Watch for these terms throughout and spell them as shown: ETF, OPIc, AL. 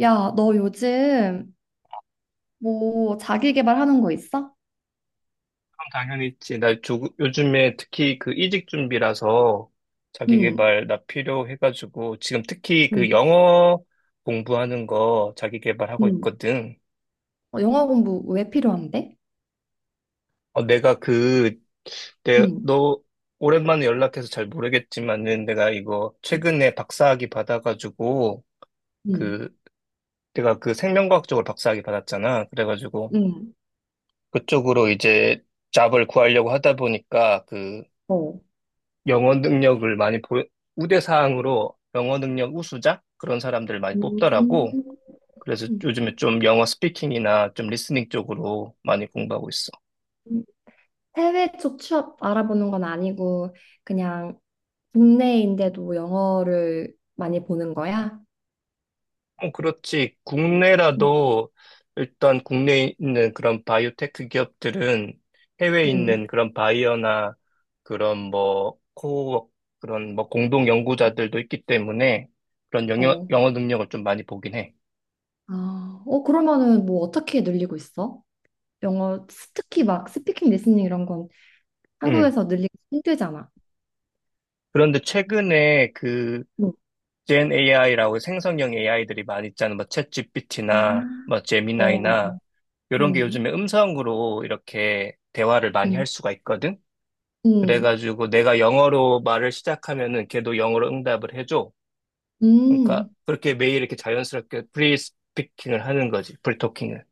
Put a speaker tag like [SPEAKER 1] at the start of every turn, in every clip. [SPEAKER 1] 야, 너 요즘 뭐 자기 개발하는 거 있어?
[SPEAKER 2] 당연히 있지. 나 요즘에 특히 그 이직 준비라서
[SPEAKER 1] 응,
[SPEAKER 2] 자기계발 나 필요해가지고 지금 특히 그
[SPEAKER 1] 응,
[SPEAKER 2] 영어 공부하는 거 자기계발하고
[SPEAKER 1] 응.
[SPEAKER 2] 있거든.
[SPEAKER 1] 영어 공부 왜 필요한데?
[SPEAKER 2] 어, 내가
[SPEAKER 1] 응,
[SPEAKER 2] 너 오랜만에 연락해서 잘 모르겠지만은 내가 이거 최근에 박사학위 받아가지고
[SPEAKER 1] 응,
[SPEAKER 2] 그 내가 그 생명과학 쪽으로 박사학위 받았잖아. 그래가지고
[SPEAKER 1] 응,
[SPEAKER 2] 그쪽으로 이제 잡을 구하려고 하다 보니까 그
[SPEAKER 1] 어.
[SPEAKER 2] 영어 능력을 많이 우대 사항으로 영어 능력 우수자? 그런 사람들을 많이 뽑더라고.
[SPEAKER 1] 음,
[SPEAKER 2] 그래서 요즘에 좀 영어 스피킹이나 좀 리스닝 쪽으로 많이 공부하고 있어.
[SPEAKER 1] 음. 해외 쪽 취업 알아보는 건 아니고 그냥 국내인데도 영어를 많이 보는 거야?
[SPEAKER 2] 어, 그렇지.
[SPEAKER 1] 음.
[SPEAKER 2] 국내라도 일단 국내에 있는 그런 바이오테크 기업들은 해외에
[SPEAKER 1] 응, 응,
[SPEAKER 2] 있는 그런 바이어나 그런 뭐 코어 그런 뭐 공동 연구자들도 있기 때문에 그런 영어,
[SPEAKER 1] 어.
[SPEAKER 2] 영어 능력을 좀 많이 보긴 해.
[SPEAKER 1] 그러면은 뭐 어떻게 늘리고 있어? 영어, 특히 막 스피킹, 리스닝 이런 건
[SPEAKER 2] 음.
[SPEAKER 1] 한국에서 늘리기 힘들잖아.
[SPEAKER 2] 그런데 최근에 그
[SPEAKER 1] 응.
[SPEAKER 2] 젠 AI라고 생성형 AI들이 많이 있잖아. 뭐
[SPEAKER 1] 아.
[SPEAKER 2] 챗GPT나 뭐
[SPEAKER 1] 어,
[SPEAKER 2] 제미나이나
[SPEAKER 1] 어.
[SPEAKER 2] 이런 게
[SPEAKER 1] 음,
[SPEAKER 2] 요즘에 음성으로 이렇게 대화를 많이
[SPEAKER 1] 음,
[SPEAKER 2] 할 수가 있거든.
[SPEAKER 1] 음,
[SPEAKER 2] 그래가지고 내가 영어로 말을 시작하면은 걔도 영어로 응답을 해줘. 그러니까
[SPEAKER 1] 음.
[SPEAKER 2] 그렇게 매일 이렇게 자연스럽게 프리스피킹을 하는 거지. 프리토킹을.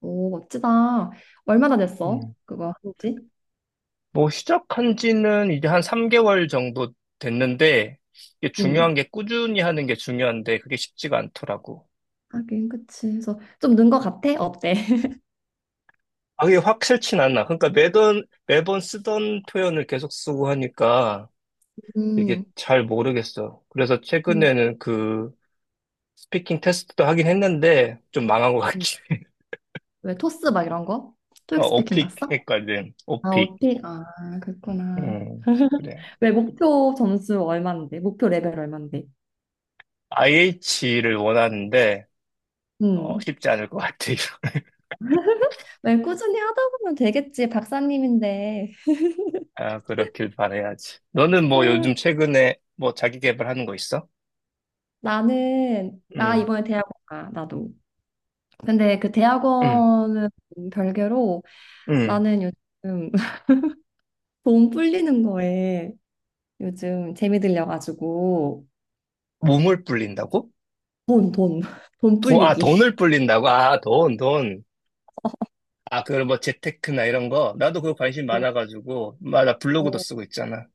[SPEAKER 1] 오, 멋지다. 얼마나 됐어?
[SPEAKER 2] 음.
[SPEAKER 1] 그거 한지?
[SPEAKER 2] 뭐 시작한 지는 이제 한 3개월 정도 됐는데 이게
[SPEAKER 1] 음,
[SPEAKER 2] 중요한 게 꾸준히 하는 게 중요한데 그게 쉽지가 않더라고.
[SPEAKER 1] 하긴, 그치. 그래서 좀 는 거 같아? 어때?
[SPEAKER 2] 아, 그게 확실치 않나. 그러니까 매번 쓰던 표현을 계속 쓰고 하니까 이게
[SPEAKER 1] 음,
[SPEAKER 2] 잘 모르겠어. 그래서
[SPEAKER 1] 음,
[SPEAKER 2] 최근에는 그 스피킹 테스트도 하긴 했는데 좀 망한 것
[SPEAKER 1] 음.
[SPEAKER 2] 같긴 해.
[SPEAKER 1] 왜 토스 막 이런 거?
[SPEAKER 2] 어,
[SPEAKER 1] 토익 스피킹
[SPEAKER 2] 오픽
[SPEAKER 1] 났어?
[SPEAKER 2] 했거든.
[SPEAKER 1] 아,
[SPEAKER 2] 오픽.
[SPEAKER 1] 오픽. 아, 그렇구나.
[SPEAKER 2] 음, 그래.
[SPEAKER 1] 왜 목표 점수 얼만데? 목표 레벨 얼만데?
[SPEAKER 2] IH를 원하는데
[SPEAKER 1] 음.
[SPEAKER 2] 쉽지 않을 것 같아.
[SPEAKER 1] 왜 꾸준히 하다 보면 되겠지, 박사님인데.
[SPEAKER 2] 아, 그렇길 바라야지. 너는 뭐
[SPEAKER 1] 아,
[SPEAKER 2] 요즘 최근에 뭐 자기 개발하는 거 있어?
[SPEAKER 1] 나
[SPEAKER 2] 응,
[SPEAKER 1] 이번에 대학 가, 나도. 근데 그
[SPEAKER 2] 응,
[SPEAKER 1] 대학원은 별개로
[SPEAKER 2] 응.
[SPEAKER 1] 나는 요즘 돈 불리는 거에 요즘 재미 들려가지고
[SPEAKER 2] 몸을 불린다고?
[SPEAKER 1] 돈, 돈, 돈
[SPEAKER 2] 돈, 아,
[SPEAKER 1] 불리기.
[SPEAKER 2] 돈을 불린다고? 아, 돈, 돈. 아, 그런 뭐 재테크나 이런 거? 나도 그거 관심 많아가지고. 나 블로그도
[SPEAKER 1] 어,
[SPEAKER 2] 쓰고 있잖아.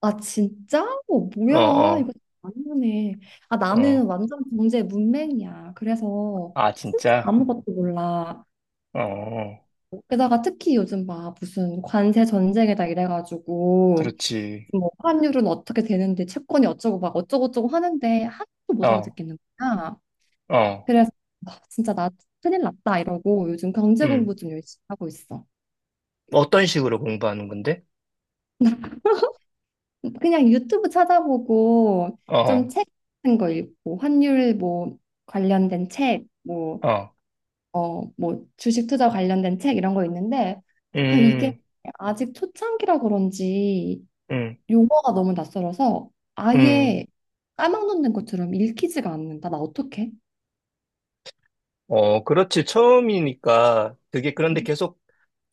[SPEAKER 1] 아 진짜? 어,
[SPEAKER 2] 어,
[SPEAKER 1] 뭐야 이거
[SPEAKER 2] 어,
[SPEAKER 1] 아니네. 나는
[SPEAKER 2] 어.
[SPEAKER 1] 완전 경제 문맹이야. 그래서
[SPEAKER 2] 아,
[SPEAKER 1] 진짜
[SPEAKER 2] 진짜?
[SPEAKER 1] 아무것도 몰라.
[SPEAKER 2] 어, 어.
[SPEAKER 1] 게다가 특히 요즘 막 무슨 관세 전쟁에다 이래가지고
[SPEAKER 2] 그렇지.
[SPEAKER 1] 뭐 환율은 어떻게 되는데 채권이 어쩌고 막 어쩌고저쩌고 하는데 하나도 못
[SPEAKER 2] 어,
[SPEAKER 1] 알아듣겠는 거야.
[SPEAKER 2] 어,
[SPEAKER 1] 그래서 진짜 나 큰일 났다 이러고 요즘 경제
[SPEAKER 2] 음.
[SPEAKER 1] 공부 좀 열심히 하고 있어.
[SPEAKER 2] 어떤 식으로 공부하는 건데?
[SPEAKER 1] 그냥 유튜브 찾아보고
[SPEAKER 2] 어,
[SPEAKER 1] 좀 책 같은 거 읽고 환율 뭐 관련된 책, 뭐,
[SPEAKER 2] 어,
[SPEAKER 1] 뭐 주식 투자 관련된 책 이런 거 있는데 이게
[SPEAKER 2] 음,
[SPEAKER 1] 아직 초창기라 그런지
[SPEAKER 2] 음,
[SPEAKER 1] 용어가 너무 낯설어서
[SPEAKER 2] 음.
[SPEAKER 1] 아예 까막눈된 것처럼 읽히지가 않는다. 나 어떡해?
[SPEAKER 2] 어, 그렇지. 처음이니까 그게. 그런데
[SPEAKER 1] 음,
[SPEAKER 2] 계속,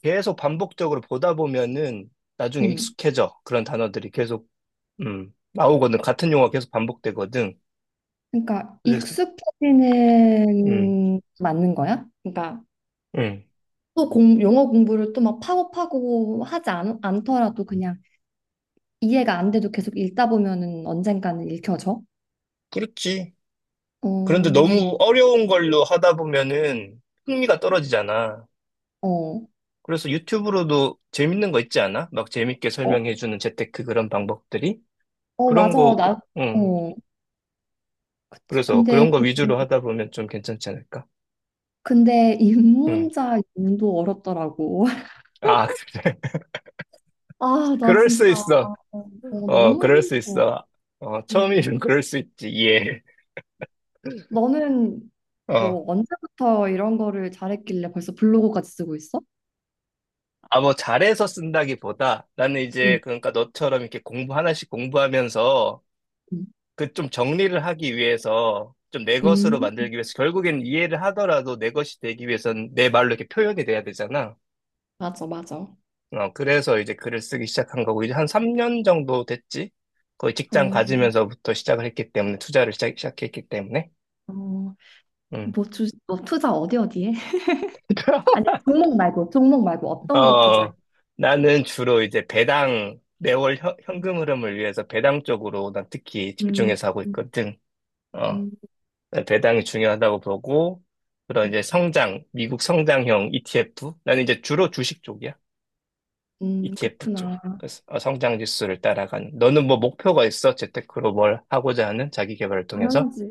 [SPEAKER 2] 계속 반복적으로 보다 보면은 나중에
[SPEAKER 1] 음.
[SPEAKER 2] 익숙해져. 그런 단어들이 계속, 나오거든. 같은 용어가 계속 반복되거든.
[SPEAKER 1] 그러니까
[SPEAKER 2] 그래서, 음,
[SPEAKER 1] 익숙해지는 맞는 거야? 그러니까
[SPEAKER 2] 음.
[SPEAKER 1] 또 영어 공부를 또 막 파고파고 하지 않더라도 그냥 이해가 안 돼도 계속 읽다 보면은 언젠가는 읽혀져.
[SPEAKER 2] 그렇지. 그런데
[SPEAKER 1] 어,
[SPEAKER 2] 너무 어려운 걸로 하다 보면은 흥미가 떨어지잖아.
[SPEAKER 1] 어,
[SPEAKER 2] 그래서 유튜브로도 재밌는 거 있지 않아? 막 재밌게
[SPEAKER 1] 어,
[SPEAKER 2] 설명해주는 재테크 그런 방법들이?
[SPEAKER 1] 어,
[SPEAKER 2] 그런
[SPEAKER 1] 맞아.
[SPEAKER 2] 거,
[SPEAKER 1] 나,
[SPEAKER 2] 응.
[SPEAKER 1] 어, 그치.
[SPEAKER 2] 그래서
[SPEAKER 1] 근데,
[SPEAKER 2] 그런 거
[SPEAKER 1] 그,
[SPEAKER 2] 위주로 하다 보면 좀 괜찮지 않을까?
[SPEAKER 1] 근데
[SPEAKER 2] 응.
[SPEAKER 1] 입문자 용도 어렵더라고.
[SPEAKER 2] 아, 그래.
[SPEAKER 1] 나
[SPEAKER 2] 그럴 수
[SPEAKER 1] 진짜,
[SPEAKER 2] 있어. 어,
[SPEAKER 1] 너무
[SPEAKER 2] 그럴 수
[SPEAKER 1] 힘들어.
[SPEAKER 2] 있어. 어,
[SPEAKER 1] 음,
[SPEAKER 2] 처음이면 그럴 수 있지. 예.
[SPEAKER 1] 너는
[SPEAKER 2] 어.
[SPEAKER 1] 뭐 언제부터 이런 거를 잘했길래 벌써 블로그까지 쓰고 있어?
[SPEAKER 2] 아, 뭐, 잘해서 쓴다기보다 나는 이제,
[SPEAKER 1] 응,
[SPEAKER 2] 그러니까 너처럼 이렇게 공부 하나씩 공부하면서
[SPEAKER 1] 응.
[SPEAKER 2] 그 좀 정리를 하기 위해서 좀 내 것으로
[SPEAKER 1] 음,
[SPEAKER 2] 만들기 위해서. 결국엔 이해를 하더라도 내 것이 되기 위해선 내 말로 이렇게 표현이 돼야 되잖아.
[SPEAKER 1] 맞아, 맞아.
[SPEAKER 2] 어, 그래서 이제 글을 쓰기 시작한 거고 이제 한 3년 정도 됐지. 거의 직장
[SPEAKER 1] 어,
[SPEAKER 2] 가지면서부터 시작을 했기 때문에. 투자를 시작했기 때문에.
[SPEAKER 1] 어.
[SPEAKER 2] 음.
[SPEAKER 1] 뭐 뭐 투자 어디 어디에? 아니, 종목 말고, 종목 말고 어떤 거 투자해?
[SPEAKER 2] 어, 나는 주로 이제 배당 매월 현, 금 흐름을 위해서 배당 쪽으로 난 특히
[SPEAKER 1] 음,
[SPEAKER 2] 집중해서 하고 있거든. 어,
[SPEAKER 1] 음,
[SPEAKER 2] 네, 배당이 중요하다고 보고, 그런 이제 미국 성장형 ETF. 나는 이제 주로 주식 쪽이야. ETF 쪽.
[SPEAKER 1] 그렇구나.
[SPEAKER 2] 그래서 성장 지수를 따라가는. 너는 뭐 목표가 있어? 재테크로 뭘 하고자 하는 자기 개발을 통해서?
[SPEAKER 1] 당연하지.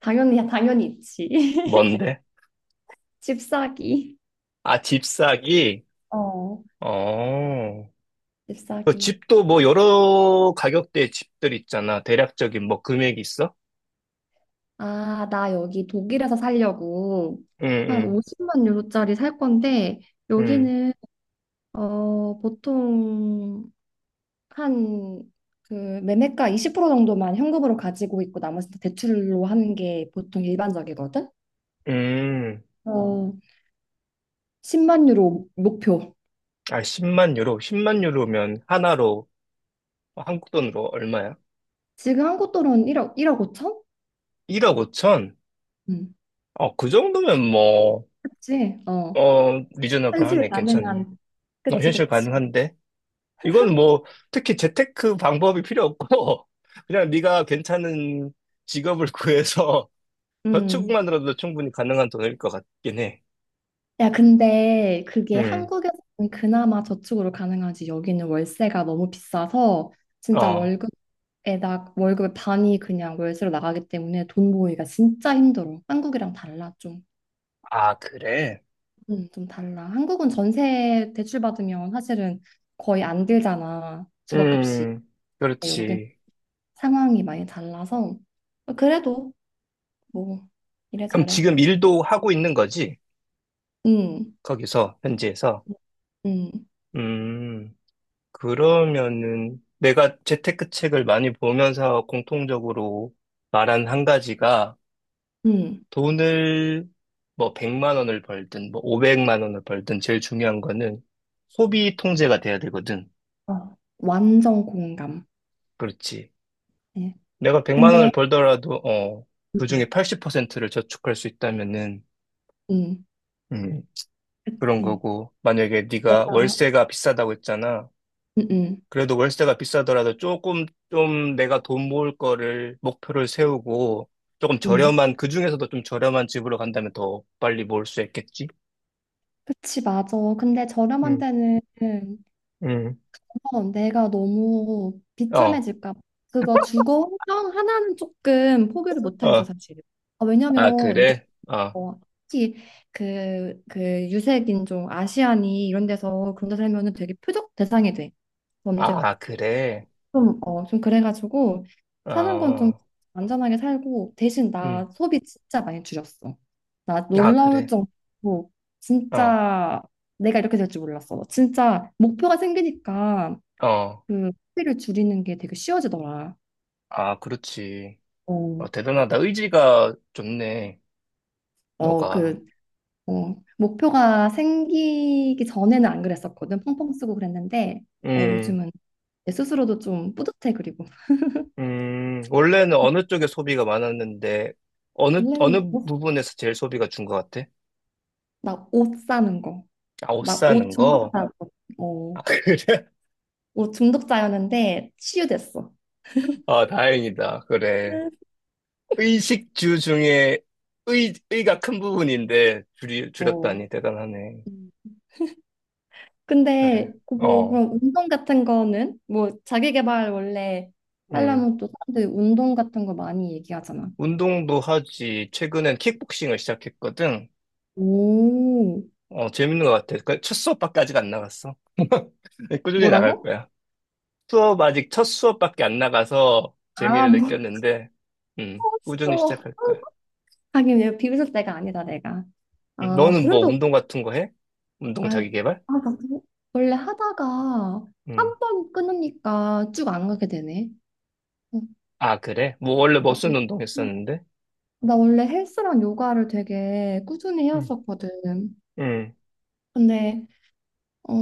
[SPEAKER 1] 당연히 있지.
[SPEAKER 2] 뭔데?
[SPEAKER 1] 집 사기.
[SPEAKER 2] 아, 집 사기?
[SPEAKER 1] 어.
[SPEAKER 2] 어.
[SPEAKER 1] 집
[SPEAKER 2] 그
[SPEAKER 1] 사기.
[SPEAKER 2] 집도 뭐 여러 가격대의 집들 있잖아. 대략적인 뭐 금액이 있어?
[SPEAKER 1] 나 여기 독일에서 살려고
[SPEAKER 2] 응,
[SPEAKER 1] 한
[SPEAKER 2] 응,
[SPEAKER 1] 50만 유로짜리 살 건데,
[SPEAKER 2] 응,
[SPEAKER 1] 여기는, 보통 한, 그, 매매가 20% 정도만 현금으로 가지고 있고, 나머지는 대출로 하는 게 보통 일반적이거든?
[SPEAKER 2] 응.
[SPEAKER 1] 어. 10만 유로 목표.
[SPEAKER 2] 아, 10만 유로. 10만 유로면 하나로 한국 돈으로 얼마야?
[SPEAKER 1] 지금 한국 돈은 1억, 1억 5천?
[SPEAKER 2] 1억 5천?
[SPEAKER 1] 음.
[SPEAKER 2] 어, 그 정도면 뭐,
[SPEAKER 1] 그치? 어. 현실이
[SPEAKER 2] 리저너블하네. 괜찮네.
[SPEAKER 1] 가능한.
[SPEAKER 2] 어,
[SPEAKER 1] 그치,
[SPEAKER 2] 현실
[SPEAKER 1] 그치.
[SPEAKER 2] 가능한데. 이건 뭐, 특히 재테크 방법이 필요 없고, 그냥 네가 괜찮은 직업을 구해서
[SPEAKER 1] 음.
[SPEAKER 2] 저축만으로도 충분히 가능한 돈일 것 같긴 해.
[SPEAKER 1] 야, 근데 그게
[SPEAKER 2] 음,
[SPEAKER 1] 한국에서는 그나마 저축으로 가능하지. 여기는 월세가 너무 비싸서 진짜
[SPEAKER 2] 어.
[SPEAKER 1] 월급의 반이 그냥 월세로 나가기 때문에 돈 모으기가 진짜 힘들어. 한국이랑 달라, 좀.
[SPEAKER 2] 아, 그래?
[SPEAKER 1] 좀 달라. 한국은 전세 대출 받으면 사실은 거의 안 들잖아. 주거값이.
[SPEAKER 2] 음,
[SPEAKER 1] 근데 여기는
[SPEAKER 2] 그렇지.
[SPEAKER 1] 상황이 많이 달라서 그래도 뭐
[SPEAKER 2] 그럼
[SPEAKER 1] 이래저래.
[SPEAKER 2] 지금 일도 하고 있는 거지?
[SPEAKER 1] 음,
[SPEAKER 2] 거기서, 현지에서.
[SPEAKER 1] 음, 음.
[SPEAKER 2] 음, 그러면은 내가 재테크 책을 많이 보면서 공통적으로 말한 한 가지가,
[SPEAKER 1] 음.
[SPEAKER 2] 돈을 뭐 100만 원을 벌든 뭐 500만 원을 벌든 제일 중요한 거는 소비 통제가 돼야 되거든.
[SPEAKER 1] 어, 완전 공감.
[SPEAKER 2] 그렇지.
[SPEAKER 1] 예.
[SPEAKER 2] 내가 100만
[SPEAKER 1] 근데
[SPEAKER 2] 원을 벌더라도
[SPEAKER 1] 음,
[SPEAKER 2] 그중에 80%를 저축할 수 있다면은.
[SPEAKER 1] 음,
[SPEAKER 2] 음, 그런
[SPEAKER 1] 그치.
[SPEAKER 2] 거고. 만약에 네가
[SPEAKER 1] 내가
[SPEAKER 2] 월세가 비싸다고 했잖아.
[SPEAKER 1] 음, 음,
[SPEAKER 2] 그래도 월세가 비싸더라도 조금, 좀 내가 돈 모을 거를 목표를 세우고 조금
[SPEAKER 1] 음.
[SPEAKER 2] 저렴한 그 중에서도 좀 저렴한 집으로 간다면 더 빨리 모을 수 있겠지?
[SPEAKER 1] 그치, 맞아. 근데 저렴한
[SPEAKER 2] 응,
[SPEAKER 1] 데는
[SPEAKER 2] 응.
[SPEAKER 1] 내가 너무
[SPEAKER 2] 어,
[SPEAKER 1] 비참해질까 봐. 그거 주거 환경 하나는 조금 포기를 못 하겠어,
[SPEAKER 2] 어.
[SPEAKER 1] 사실. 왜냐면
[SPEAKER 2] 아,
[SPEAKER 1] 이게
[SPEAKER 2] 그래? 어.
[SPEAKER 1] 어, 특히 그 유색인종 아시안이 이런 데서 그런 데 살면은 되게 표적 대상이 돼. 범죄
[SPEAKER 2] 아, 그래?
[SPEAKER 1] 좀 그래가지고 사는 건 좀
[SPEAKER 2] 어.
[SPEAKER 1] 안전하게 살고 대신
[SPEAKER 2] 응.
[SPEAKER 1] 나 소비 진짜 많이 줄였어. 나
[SPEAKER 2] 아,
[SPEAKER 1] 놀라울
[SPEAKER 2] 그래?
[SPEAKER 1] 정도로
[SPEAKER 2] 어.
[SPEAKER 1] 진짜 내가 이렇게 될 줄 몰랐어. 진짜 목표가 생기니까
[SPEAKER 2] 어.
[SPEAKER 1] 그 소비를 줄이는 게 되게 쉬워지더라.
[SPEAKER 2] 아, 그렇지.
[SPEAKER 1] 어,
[SPEAKER 2] 어, 대단하다. 의지가 좋네.
[SPEAKER 1] 어,
[SPEAKER 2] 너가.
[SPEAKER 1] 그 목표가 생기기 전에는 안 그랬었거든. 펑펑 쓰고 그랬는데,
[SPEAKER 2] 음.
[SPEAKER 1] 요즘은 내 스스로도 좀 뿌듯해, 그리고.
[SPEAKER 2] 음. 원래는 어느 쪽에 소비가 많았는데 어느
[SPEAKER 1] 원래는
[SPEAKER 2] 어느
[SPEAKER 1] 뭐,
[SPEAKER 2] 부분에서 제일 소비가 준 것 같아?
[SPEAKER 1] 나옷 사는 거.
[SPEAKER 2] 아, 옷
[SPEAKER 1] 나 옷
[SPEAKER 2] 사는 거?
[SPEAKER 1] 중독자고. 어,
[SPEAKER 2] 아, 그래?
[SPEAKER 1] 옷 중독자였는데 치유됐어.
[SPEAKER 2] 아, 다행이다. 그래.
[SPEAKER 1] 음.
[SPEAKER 2] 의식주 중에 의가 큰 부분인데 줄이,
[SPEAKER 1] 어.
[SPEAKER 2] 줄였다니 대단하네.
[SPEAKER 1] 음.
[SPEAKER 2] 그래.
[SPEAKER 1] 근데 그뭐
[SPEAKER 2] 어.
[SPEAKER 1] 그런 운동 같은 거는 뭐 자기 개발 원래
[SPEAKER 2] 음.
[SPEAKER 1] 하려면 또 사람들이 운동 같은 거 많이 얘기하잖아.
[SPEAKER 2] 운동도 하지. 최근엔 킥복싱을 시작했거든.
[SPEAKER 1] 오,
[SPEAKER 2] 어, 재밌는 것 같아. 그 첫 수업밖에까지가 안 나갔어. 근데 꾸준히 나갈
[SPEAKER 1] 뭐라고?
[SPEAKER 2] 거야. 수업 아직 첫 수업밖에 안 나가서
[SPEAKER 1] 아,
[SPEAKER 2] 재미를
[SPEAKER 1] 몰랐어.
[SPEAKER 2] 느꼈는데, 꾸준히 시작할 거야.
[SPEAKER 1] 하긴 내가 비웃을 때가 아니다 내가. 아
[SPEAKER 2] 너는 뭐
[SPEAKER 1] 그래도
[SPEAKER 2] 운동 같은 거 해? 운동
[SPEAKER 1] 아,
[SPEAKER 2] 자기 개발?
[SPEAKER 1] 그거 원래 하다가
[SPEAKER 2] 음.
[SPEAKER 1] 한 번 끊으니까 쭉 안 가게 되네. 응,
[SPEAKER 2] 아, 그래? 뭐 원래 무슨
[SPEAKER 1] 나도
[SPEAKER 2] 운동 했었는데?
[SPEAKER 1] 나 원래 헬스랑 요가를 되게 꾸준히
[SPEAKER 2] 응,
[SPEAKER 1] 해왔었거든.
[SPEAKER 2] 응,
[SPEAKER 1] 근데 어,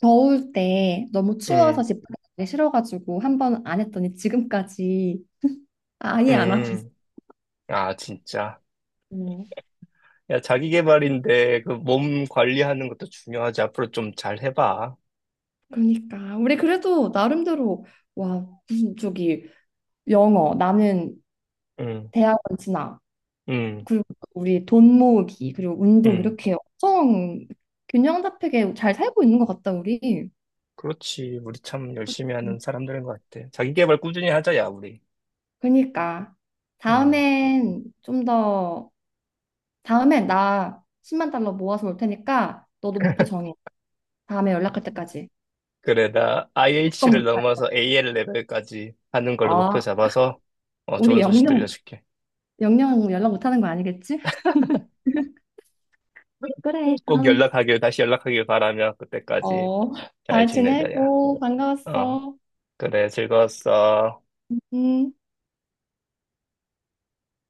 [SPEAKER 1] 더울 때 너무 추워서
[SPEAKER 2] 응,
[SPEAKER 1] 집 밖에 싫어가지고 한 번 안 했더니 지금까지 아예 안 하고 있어.
[SPEAKER 2] 응. 아, 진짜. 야, 자기 개발인데 그 몸 관리하는 것도 중요하지. 앞으로 좀 잘 해봐.
[SPEAKER 1] 그러니까 우리 그래도 나름대로 와 무슨 저기 영어 나는
[SPEAKER 2] 응,
[SPEAKER 1] 대학원 진학
[SPEAKER 2] 응,
[SPEAKER 1] 그리고 우리 돈 모으기, 그리고 운동
[SPEAKER 2] 응.
[SPEAKER 1] 이렇게 엄청 균형 잡히게 잘 살고 있는 것 같다, 우리.
[SPEAKER 2] 그렇지. 우리 참 열심히 하는 사람들인 것 같아. 자기 개발 꾸준히 하자, 야, 우리.
[SPEAKER 1] 그러니까
[SPEAKER 2] 응.
[SPEAKER 1] 다음엔 좀 더, 다음에 나 10만 달러 모아서 올 테니까 너도 목표 정해. 다음에 연락할 때까지.
[SPEAKER 2] 그래, 나
[SPEAKER 1] 어떤
[SPEAKER 2] IH를
[SPEAKER 1] 목표?
[SPEAKER 2] 넘어서 AL 레벨까지 하는 걸로 목표
[SPEAKER 1] 어,
[SPEAKER 2] 잡아서
[SPEAKER 1] 우리
[SPEAKER 2] 좋은 소식
[SPEAKER 1] 영영,
[SPEAKER 2] 들려줄게.
[SPEAKER 1] 영영 연락 못 하는 거 아니겠지? 그래,
[SPEAKER 2] 꼭
[SPEAKER 1] 그럼.
[SPEAKER 2] 연락하길, 다시 연락하길 바라며 그때까지
[SPEAKER 1] 어,
[SPEAKER 2] 잘
[SPEAKER 1] 잘
[SPEAKER 2] 지내자, 야.
[SPEAKER 1] 지내고
[SPEAKER 2] 어,
[SPEAKER 1] 반가웠어.
[SPEAKER 2] 그래, 즐거웠어.
[SPEAKER 1] 음.